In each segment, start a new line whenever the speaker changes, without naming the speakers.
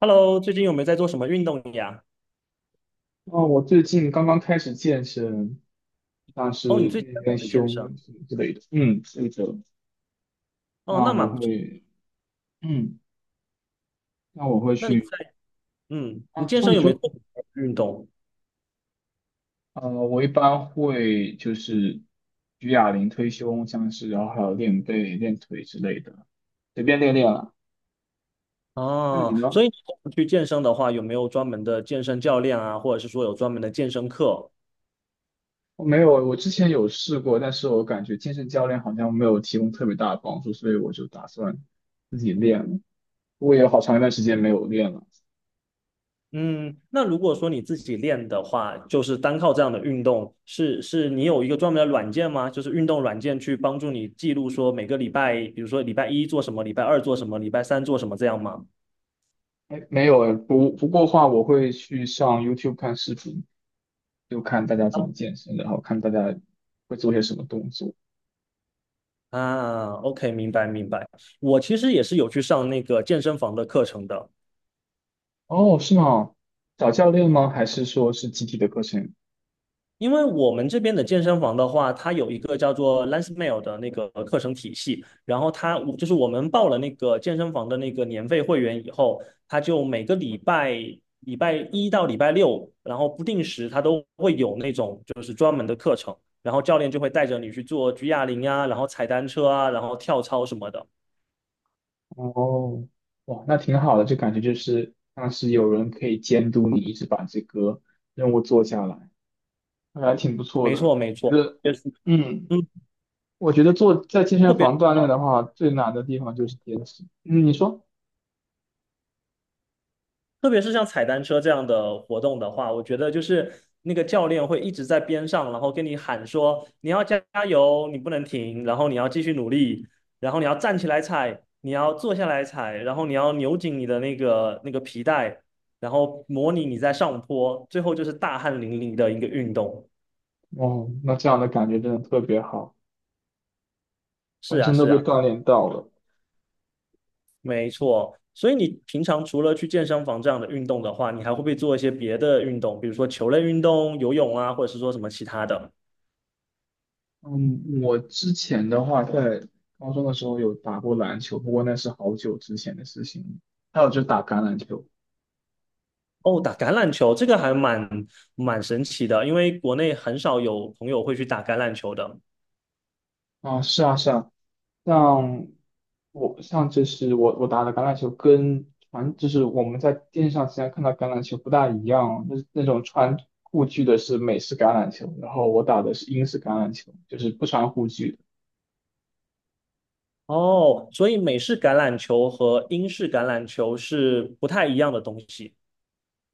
Hello,最近有没有在做什么运动呀？
哦，我最近刚刚开始健身，像
哦，你
是
最近
练
在
练
很健身
胸什么之类的。嗯，是的。
哦，
那
那
我
蛮不错。
会，嗯，那我会
那你
去。
在
啊，
你
你
健
说，
身
你
有没有
说。
做什么运动？
我一般会就是举哑铃、推胸，像是然后还有练背、练腿之类的，随便练练了。那你
哦，
呢？
所以你平常去健身的话，有没有专门的健身教练啊，或者是说有专门的健身课？
我没有，我之前有试过，但是我感觉健身教练好像没有提供特别大的帮助，所以我就打算自己练了。不过也有好长一段时间没有练了。
嗯，那如果说你自己练的话，就是单靠这样的运动，是你有一个专门的软件吗？就是运动软件去帮助你记录说每个礼拜，比如说礼拜一做什么，礼拜二做什么，礼拜三做什么这样吗？
哎，没有哎，不过话，我会去上 YouTube 看视频，就看大家怎么健身，然后看大家会做些什么动作。
啊，OK,明白明白。我其实也是有去上那个健身房的课程的，
哦，是吗？找教练吗？还是说是集体的课程？
因为我们这边的健身房的话，它有一个叫做 Lansmail 的那个课程体系，然后它就是我们报了那个健身房的那个年费会员以后，它就每个礼拜一到礼拜六，然后不定时它都会有那种就是专门的课程，然后教练就会带着你去做举哑铃啊，然后踩单车啊，然后跳操什么的。
哦，哇，那挺好的，就感觉就是像是有人可以监督你，一直把这个任务做下来，还挺不错
没
的。
错没
觉
错，
得，
就是
嗯，
嗯。
我觉得做在健
特
身
别。
房锻炼的话，最难的地方就是坚持。嗯，你说？
特别是像踩单车这样的活动的话，我觉得就是那个教练会一直在边上，然后跟你喊说你要加油，你不能停，然后你要继续努力，然后你要站起来踩，你要坐下来踩，然后你要扭紧你的那个皮带，然后模拟你在上坡，最后就是大汗淋漓的一个运动。
哦，那这样的感觉真的特别好。
是
本
啊，
身都
是
被
啊，
锻炼到了。
没错。所以你平常除了去健身房这样的运动的话，你还会不会做一些别的运动，比如说球类运动、游泳啊，或者是说什么其他的？
嗯，我之前的话，在高中的时候有打过篮球，不过那是好久之前的事情了。还有就是打橄榄球
哦，打橄榄球这个还蛮神奇的，因为国内很少有朋友会去打橄榄球的。
啊，是啊是啊，像我像就是我我打的橄榄球跟传就是我们在电视上经常看到橄榄球不大一样哦，那那种穿护具的是美式橄榄球，然后我打的是英式橄榄球，就是不穿护具的。
哦，所以美式橄榄球和英式橄榄球是不太一样的东西。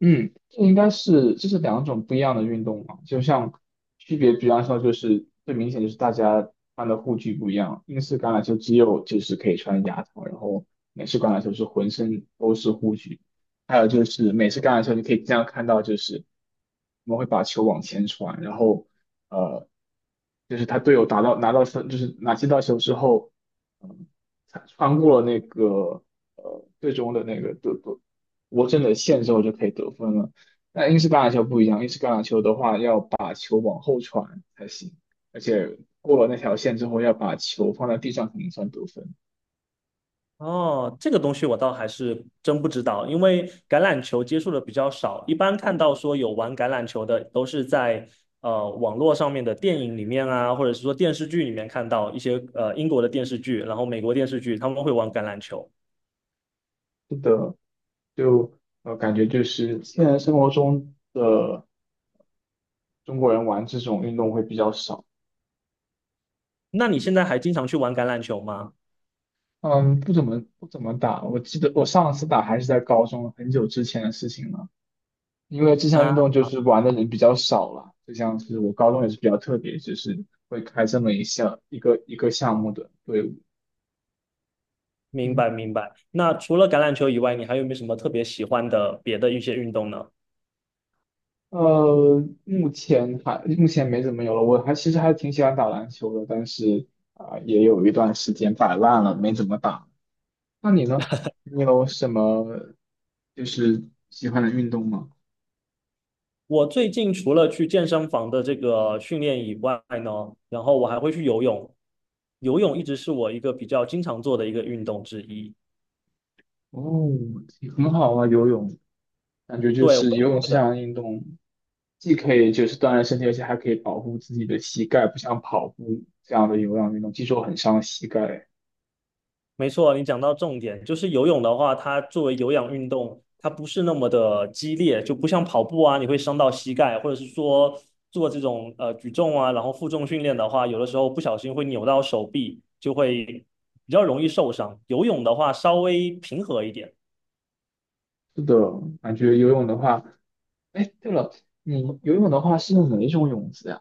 嗯，这应该是这是两种不一样的运动嘛，就像区别，比方说就是最明显就是大家穿的护具不一样，英式橄榄球只有就是可以穿牙套，然后美式橄榄球是浑身都是护具，还有就是美式橄榄球你可以经常看到就是我们会把球往前传，然后呃就是他队友打到拿到分就是拿接到球之后，嗯，穿过了那个最终的那个队我真的线之后就可以得分了。但英式橄榄球不一样，英式橄榄球的话要把球往后传才行，而且过了那条线之后要把球放在地上才能算得分。
哦，这个东西我倒还是真不知道，因为橄榄球接触的比较少，一般看到说有玩橄榄球的都是在网络上面的电影里面啊，或者是说电视剧里面看到一些英国的电视剧，然后美国电视剧他们会玩橄榄球。
是的，就感觉就是现实生活中的中国人玩这种运动会比较少。
那你现在还经常去玩橄榄球吗？
嗯，不怎么打。我记得我上次打还是在高中，很久之前的事情了。因为这项运
啊？
动就是玩的人比较少了，就像是我高中也是比较特别，就是会开这么一个项目的队伍。
明白
嗯，
明白。那除了橄榄球以外，你还有没有什么特别喜欢的别的一些运动呢？
目前没怎么有了，我还其实还挺喜欢打篮球的，但是啊、也有一段时间摆烂了，没怎么打。那你呢？你有什么就是喜欢的运动吗？
我最近除了去健身房的这个训练以外呢，然后我还会去游泳。游泳一直是我一个比较经常做的一个运动之一。
哦，很好啊，游泳，感觉就
对，我
是
也
游泳
觉
这
得
项运动，既可以就是锻炼身体，而且还可以保护自己的膝盖，不像跑步这样的有氧运动，据说很伤膝盖。
没错，你讲到重点，就是游泳的话，它作为有氧运动，它不是那么的激烈，就不像跑步啊，你会伤到膝盖，或者是说做这种举重啊，然后负重训练的话，有的时候不小心会扭到手臂，就会比较容易受伤。游泳的话稍微平和一点，
是的，感觉游泳的话，哎，对了，你游泳的话是用哪一种泳姿呀？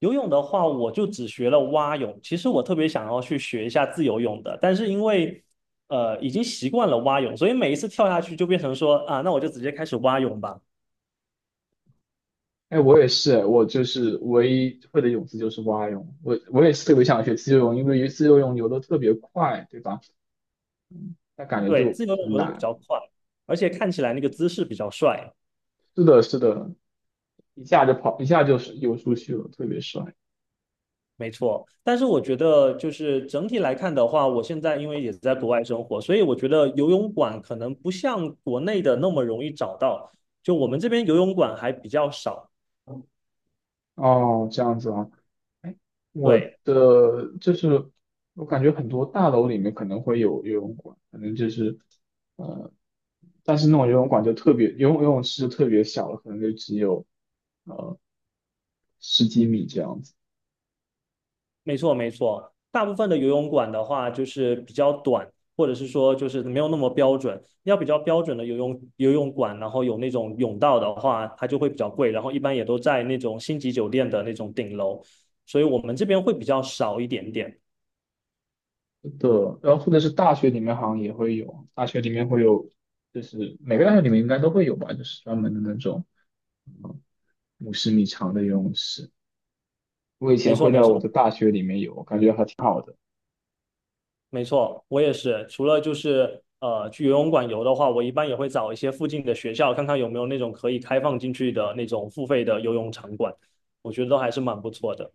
游泳的话我就只学了蛙泳，其实我特别想要去学一下自由泳的，但是因为已经习惯了蛙泳，所以每一次跳下去就变成说啊，那我就直接开始蛙泳吧。
哎，我也是，我就是唯一会的泳姿就是蛙泳，我也是特别想学自由泳，因为自由泳游的特别快，对吧？但感觉
对，
就
自由泳
很
游的比
难。
较快，而且看起来那个姿势比较帅，
是的，是的，一下就跑，一下就是游出去了，特别帅。
没错。但是我觉得，就是整体来看的话，我现在因为也在国外生活，所以我觉得游泳馆可能不像国内的那么容易找到。就我们这边游泳馆还比较少，
哦，这样子啊。哎，我
对。
的就是我感觉很多大楼里面可能会有游泳馆，可能就是呃，但是那种游泳馆就特别，游泳池就特别小了，可能就只有呃十几米这样子。
没错，没错。大部分的游泳馆的话，就是比较短，或者是说就是没有那么标准。要比较标准的游泳馆，然后有那种泳道的话，它就会比较贵。然后一般也都在那种星级酒店的那种顶楼，所以我们这边会比较少一点点。
的。然后或者是大学里面好像也会有，大学里面会有，就是每个大学里面应该都会有吧，就是专门的那种50米长的游泳池。我以
没
前
错，
会在
没
我
错，
的大学里面有，我感觉还挺好的。
没错。我也是，除了就是去游泳馆游的话，我一般也会找一些附近的学校，看看有没有那种可以开放进去的那种付费的游泳场馆。我觉得都还是蛮不错的。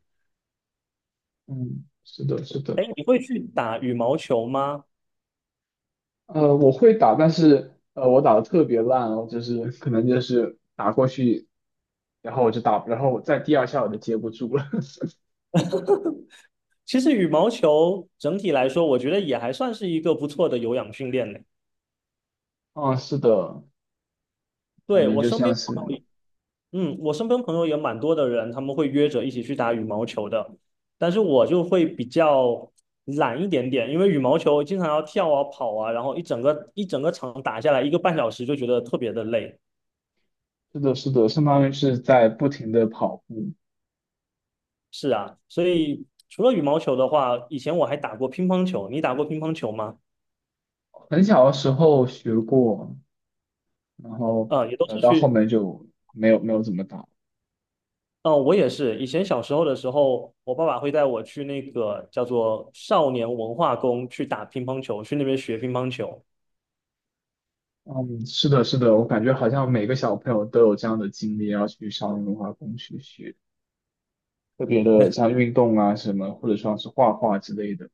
嗯，是的，是的。
哎，你会去打羽毛球吗？
我会打，但是我打的特别烂哦，就是可能就是打过去，然后我就打，然后我在第二下我就接不住了。
其实羽毛球整体来说，我觉得也还算是一个不错的有氧训练嘞。
嗯，是的，感
对，
觉
我
就
身
像
边朋友
是，
也嗯，我身边朋友也蛮多的人，他们会约着一起去打羽毛球的。但是我就会比较懒一点点，因为羽毛球经常要跳啊、跑啊，然后一整个场打下来1个半小时，就觉得特别的累。
是的，是的，相当于是在不停的跑步。
是啊，所以除了羽毛球的话，以前我还打过乒乓球。你打过乒乓球吗？
很小的时候学过，然后
啊、也都是
到后
去。
面就没有怎么打。
嗯，我也是。以前小时候的时候，我爸爸会带我去那个叫做少年文化宫去打乒乓球，去那边学乒乓球。
嗯，是的，是的，我感觉好像每个小朋友都有这样的经历，要去上年文化宫去学特别的像运动啊什么，或者说是画画之类的。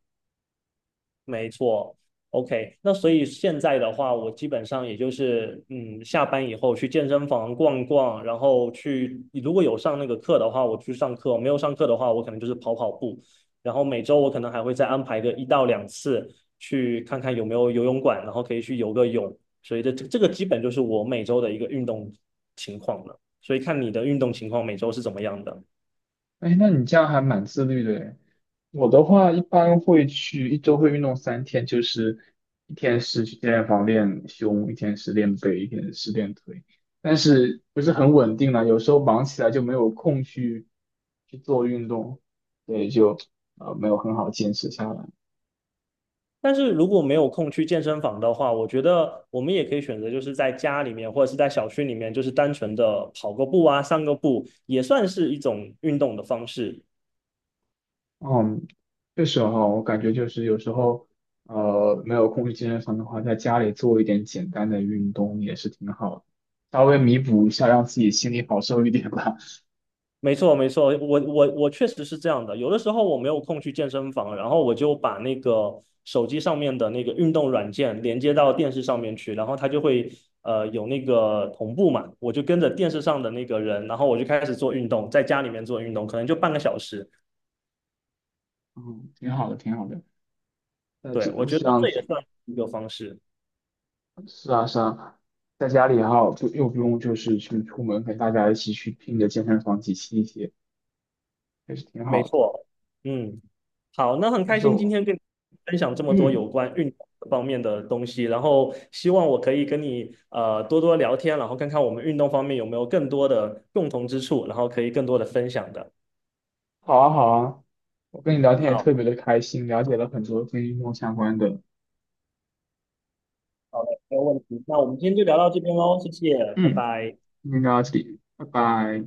没错，OK。那所以现在的话，我基本上也就是，嗯，下班以后去健身房逛逛，然后去，如果有上那个课的话，我去上课；没有上课的话，我可能就是跑跑步。然后每周我可能还会再安排个1到2次，去看看有没有游泳馆，然后可以去游个泳。所以这个基本就是我每周的一个运动情况了。所以看你的运动情况每周是怎么样的。
哎，那你这样还蛮自律的诶。我的话一般会去一周会运动3天，就是一天是去健身房练胸，一天是练背，一天是练腿，但是不是很稳定了，有时候忙起来就没有空去做运动，所以就没有很好坚持下来。
但是如果没有空去健身房的话，我觉得我们也可以选择，就是在家里面或者是在小区里面，就是单纯的跑个步啊，散个步，也算是一种运动的方式。
嗯，确实哈，我感觉就是有时候，没有空去健身房的话，在家里做一点简单的运动也是挺好的，稍微弥补一下，让自己心里好受一点吧。
没错，没错，我确实是这样的。有的时候我没有空去健身房，然后我就把那个手机上面的那个运动软件连接到电视上面去，然后它就会有那个同步嘛，我就跟着电视上的那个人，然后我就开始做运动，在家里面做运动，可能就半个小时。
嗯，挺好的，挺好的。那这
对，我觉
这
得
样
这
子，
也算是一个方式。
是啊，是啊，在家里哈，不又不用就是去出门跟大家一起去拼着健身房挤吸一些，也是挺
没
好的。
错，嗯，好，那很
但
开
是
心今
我，
天跟你分享这么多
嗯，
有关运动方面的东西，然后希望我可以跟你多多聊天，然后看看我们运动方面有没有更多的共同之处，然后可以更多的分享的。
好啊，好啊，我跟你聊天也
好，
特别的开心，了解了很多跟运动相关的。
好的，没有问题。那我们今天就聊到这边喽，谢谢，拜
嗯。
拜。
今天就到这里，拜拜。